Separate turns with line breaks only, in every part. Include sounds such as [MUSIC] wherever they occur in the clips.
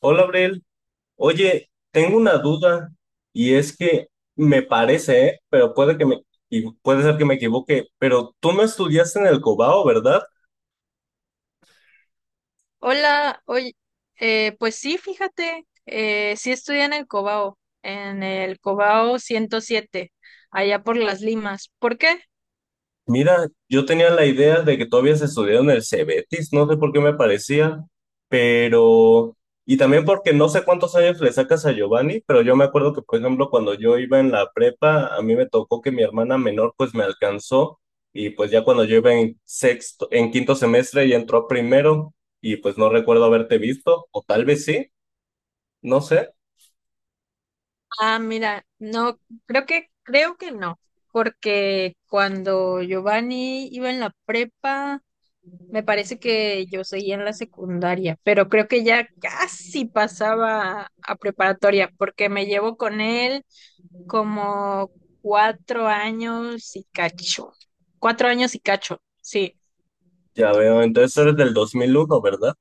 Hola, Abrel. Oye, tengo una duda y es que me parece, pero puede ser que me equivoque, pero tú no estudiaste en el Cobao, ¿verdad?
Hola, oye, pues sí, fíjate, sí estudié en el Cobao 107, allá por Las Limas. ¿Por qué?
Mira, yo tenía la idea de que todavía se estudiado en el Cebetis, no sé por qué me parecía, pero. Y también porque no sé cuántos años le sacas a Giovanni, pero yo me acuerdo que, por ejemplo, cuando yo iba en la prepa, a mí me tocó que mi hermana menor pues me alcanzó y pues ya cuando yo iba en sexto, en quinto semestre y entró a primero y pues no recuerdo haberte visto, o tal vez sí, no sé,
Ah, mira, no, creo que no, porque cuando Giovanni iba en la prepa, me parece que yo seguía en la secundaria, pero creo que ya casi pasaba a preparatoria, porque me llevo con él como cuatro años y cacho. Cuatro años y cacho, sí.
ya veo, entonces
Es.
eres del 2001, ¿verdad?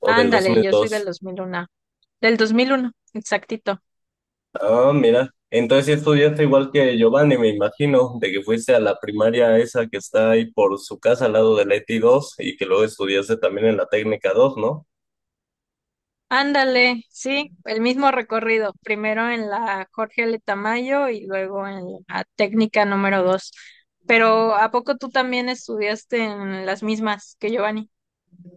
O del dos
Ándale,
mil
yo soy del
dos.
2001. Del 2001, exactito.
Ah, mira. Entonces sí estudiaste igual que Giovanni, me imagino, de que fuiste a la primaria esa que está ahí por su casa al lado de la ETI 2 y que luego estudiaste también en la técnica 2, ¿no?
Ándale, sí, el mismo recorrido, primero en la Jorge L. Tamayo y luego en la técnica número 2. Pero ¿a poco tú también estudiaste en las mismas que Giovanni?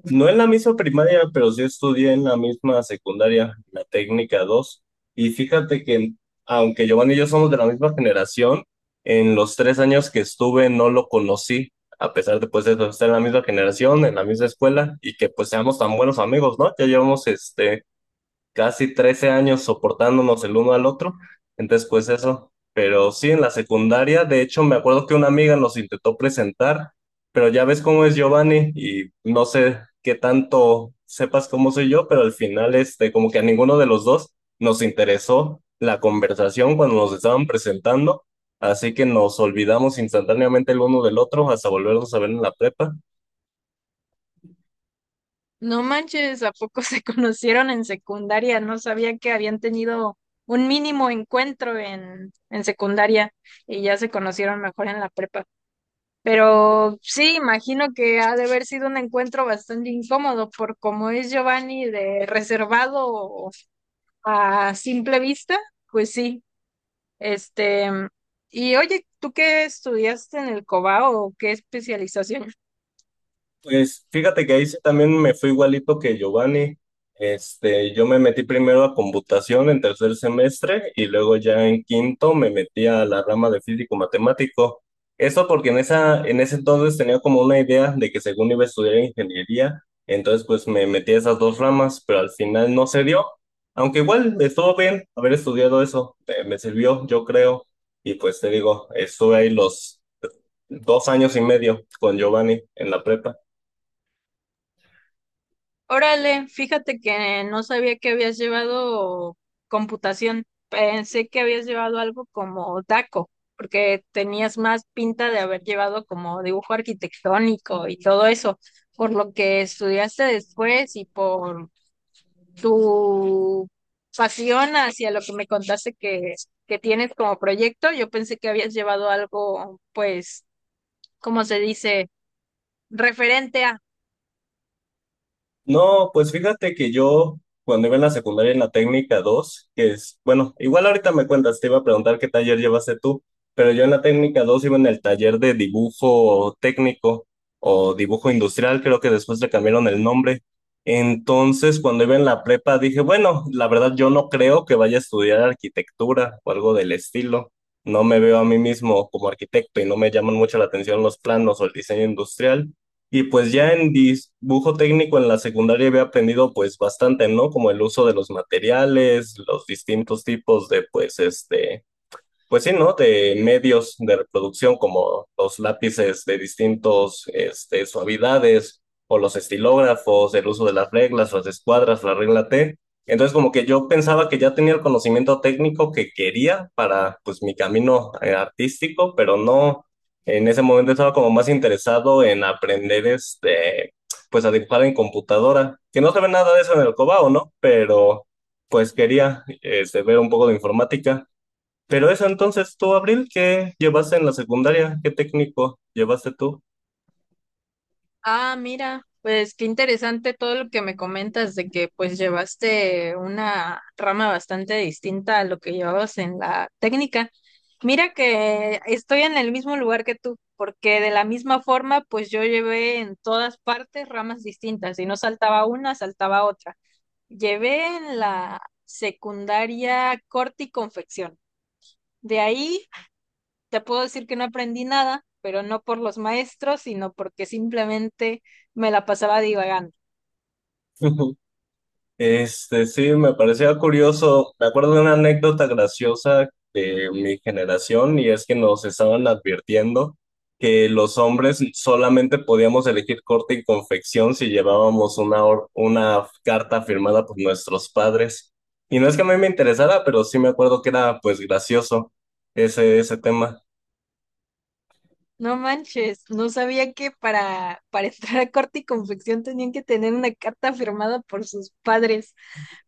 No en la misma primaria, pero sí estudié en la misma secundaria, la técnica 2. Y fíjate que, aunque Giovanni y yo somos de la misma generación, en los 3 años que estuve no lo conocí, a pesar de pues de estar en la misma generación, en la misma escuela y que pues seamos tan buenos amigos, ¿no? Ya llevamos casi 13 años soportándonos el uno al otro. Entonces, pues eso. Pero sí, en la secundaria, de hecho, me acuerdo que una amiga nos intentó presentar, pero ya ves cómo es Giovanni y no sé qué tanto sepas cómo soy yo, pero al final, como que a ninguno de los dos nos interesó la conversación cuando nos estaban presentando, así que nos olvidamos instantáneamente el uno del otro hasta volvernos a ver en la prepa.
No manches, ¿a poco se [LAUGHS] conocieron en secundaria? No sabía que habían tenido un mínimo encuentro en secundaria y ya se conocieron mejor en la prepa. Pero sí, imagino que ha de haber sido un encuentro bastante incómodo por cómo es Giovanni de reservado. A simple vista, pues sí. Este, y oye, ¿tú qué estudiaste en el COBAO o qué especialización?
Pues fíjate que ahí sí también me fue igualito que Giovanni. Yo me metí primero a computación en tercer semestre y luego ya en quinto me metí a la rama de físico matemático. Eso porque en ese entonces tenía como una idea de que según iba a estudiar ingeniería, entonces pues me metí a esas dos ramas, pero al final no se dio. Aunque igual estuvo bien haber estudiado eso, me sirvió, yo creo. Y pues te digo, estuve ahí los 2 años y medio con Giovanni en la prepa.
Órale, fíjate que no sabía que habías llevado computación. Pensé que habías llevado algo como DACO, porque tenías más pinta de haber llevado como dibujo arquitectónico y todo eso, por lo que estudiaste después y por tu pasión hacia lo que me contaste que tienes como proyecto. Yo pensé que habías llevado algo, pues, ¿cómo se dice? Referente a,
No, pues fíjate que yo cuando iba en la secundaria en la técnica 2, que es, bueno, igual ahorita me cuentas, te iba a preguntar qué taller llevaste tú, pero yo en la técnica 2 iba en el taller de dibujo técnico o dibujo industrial, creo que después le cambiaron el nombre. Entonces, cuando iba en la prepa dije, bueno, la verdad yo no creo que vaya a estudiar arquitectura o algo del estilo. No me veo a mí mismo como arquitecto y no me llaman mucho la atención los planos o el diseño industrial. Y pues ya en dibujo técnico en la secundaria había aprendido pues bastante, ¿no? Como el uso de los materiales, los distintos tipos de pues pues sí, ¿no? De medios de reproducción como los lápices de distintos suavidades o los estilógrafos, el uso de las reglas, las escuadras, la regla T. Entonces como que yo pensaba que ya tenía el conocimiento técnico que quería para pues mi camino artístico, pero no, en ese momento estaba como más interesado en aprender pues a dibujar en computadora, que no se ve nada de eso en el Cobao, ¿no? Pero pues quería ver un poco de informática. Pero eso entonces tú, Abril, ¿qué llevaste en la secundaria? ¿Qué técnico llevaste tú?
ah, mira, pues qué interesante todo lo que me comentas de que pues llevaste una rama bastante distinta a lo que llevabas en la técnica. Mira que estoy en el mismo lugar que tú, porque de la misma forma, pues yo llevé en todas partes ramas distintas y no saltaba una, saltaba otra. Llevé en la secundaria corte y confección. De ahí te puedo decir que no aprendí nada, pero no por los maestros, sino porque simplemente me la pasaba divagando.
[LAUGHS] Sí, me parecía curioso. Me acuerdo de una anécdota graciosa de mi generación y es que nos estaban advirtiendo que los hombres solamente podíamos elegir corte y confección si llevábamos una carta firmada por nuestros padres. Y no es que a mí me interesara, pero sí me acuerdo que era pues gracioso ese tema.
No manches, no sabía que para [LAUGHS] entrar a corte y confección tenían que tener una carta firmada por sus padres.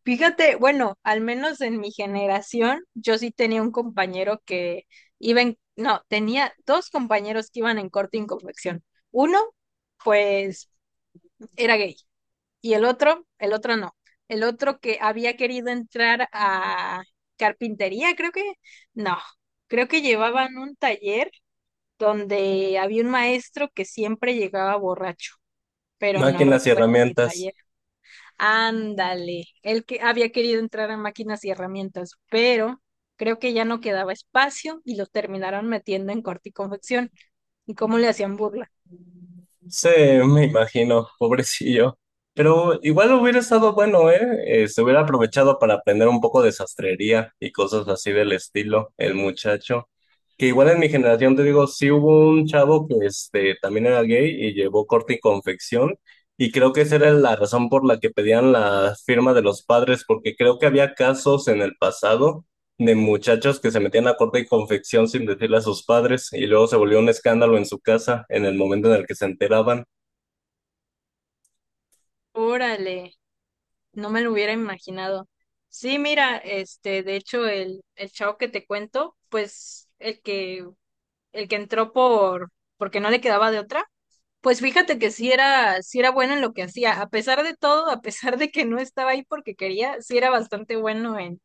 Fíjate, bueno, al menos en mi generación, yo sí tenía un compañero que iba en, no, tenía dos compañeros que iban en corte y confección. Uno, pues era gay. Y el otro no. El otro que había querido entrar a carpintería, creo que, no, creo que llevaban un taller donde había un maestro que siempre llegaba borracho, pero no
Máquinas y
recuerdo qué
herramientas.
taller. Ándale, el que había querido entrar a máquinas y herramientas, pero creo que ya no quedaba espacio y lo terminaron metiendo en corte y confección. ¿Y cómo le hacían burla?
Sí, me imagino, pobrecillo. Pero igual hubiera estado bueno, ¿eh? Se hubiera aprovechado para aprender un poco de sastrería y cosas así del estilo, el muchacho. Que igual en mi generación, te digo, sí hubo un chavo que también era gay y llevó corte y confección. Y creo que esa era la razón por la que pedían la firma de los padres, porque creo que había casos en el pasado de muchachos que se metían a corte y confección sin decirle a sus padres y luego se volvió un escándalo en su casa en el momento en el que se enteraban.
Órale. No me lo hubiera imaginado. Sí, mira, este, de hecho, el chavo que te cuento, pues, el que entró porque no le quedaba de otra, pues fíjate que sí era bueno en lo que hacía. A pesar de todo, a pesar de que no estaba ahí porque quería, sí era bastante bueno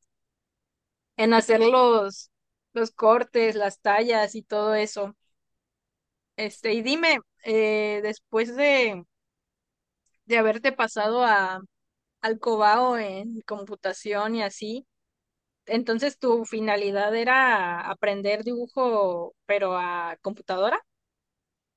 en hacer los cortes, las tallas y todo eso. Este, y dime, eh, después de, de haberte pasado al Cobao en computación y así. Entonces, ¿tu finalidad era aprender dibujo, pero a computadora?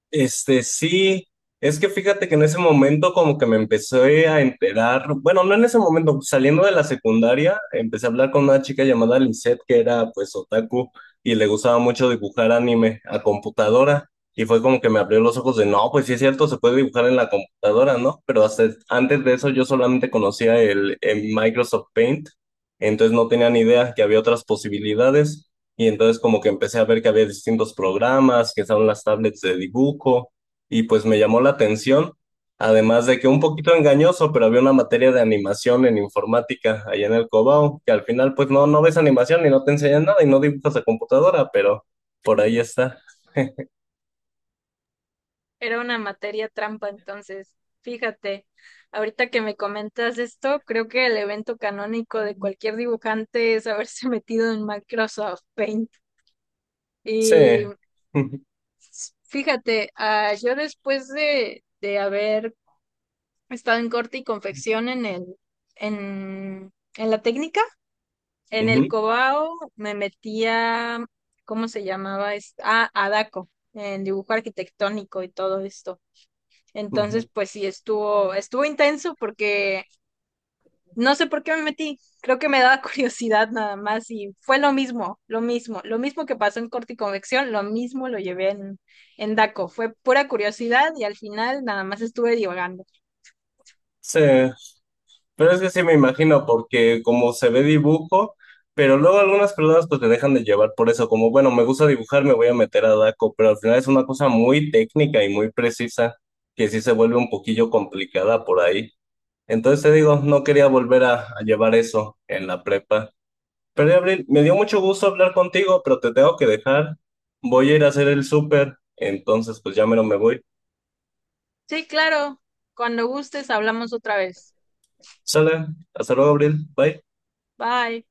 Sí, es que fíjate que en ese momento como que me empecé a enterar, bueno, no en ese momento, saliendo de la secundaria, empecé a hablar con una chica llamada Lisette que era pues otaku y le gustaba mucho dibujar anime a computadora y fue como que me abrió los ojos de, no, pues sí es cierto, se puede dibujar en la computadora, ¿no? Pero hasta antes de eso yo solamente conocía el Microsoft Paint, entonces no tenía ni idea que había otras posibilidades. Y entonces como que empecé a ver que había distintos programas, que estaban las tablets de dibujo, y pues me llamó la atención, además de que un poquito engañoso, pero había una materia de animación en informática allá en el Cobao, que al final pues no, no ves animación y no te enseñan nada y no dibujas a computadora, pero por ahí está.
Era una materia trampa, entonces, fíjate, ahorita que me comentas esto, creo que el evento canónico de cualquier dibujante es haberse [LAUGHS] metido en Microsoft Paint. Y
Sí. [LAUGHS]
fíjate, ah, yo de haber estado en corte y confección en en la técnica, en el
Ujú,
Cobao me metía, ¿cómo se llamaba esto? Ah, a DACO, en dibujo arquitectónico y todo esto.
ujú.
Entonces, pues sí, estuvo intenso porque no sé por qué me metí. Creo que me daba [LAUGHS] curiosidad nada más y fue lo mismo, lo mismo, lo mismo que pasó en corte y convección, lo mismo lo llevé en DACO. Fue pura curiosidad y al final nada más estuve divagando.
Sí. Pero es que sí me imagino, porque como se ve dibujo, pero luego algunas personas pues te dejan de llevar por eso, como bueno, me gusta dibujar, me voy a meter a Daco, pero al final es una cosa muy técnica y muy precisa, que sí se vuelve un poquillo complicada por ahí. Entonces te digo, no quería volver a llevar eso en la prepa. Pero Abril, me dio mucho gusto hablar contigo, pero te tengo que dejar. Voy a ir a hacer el súper, entonces pues ya mero me voy.
Sí, claro, cuando gustes hablamos otra vez.
Sale, hasta luego, Abril, bye.
Bye.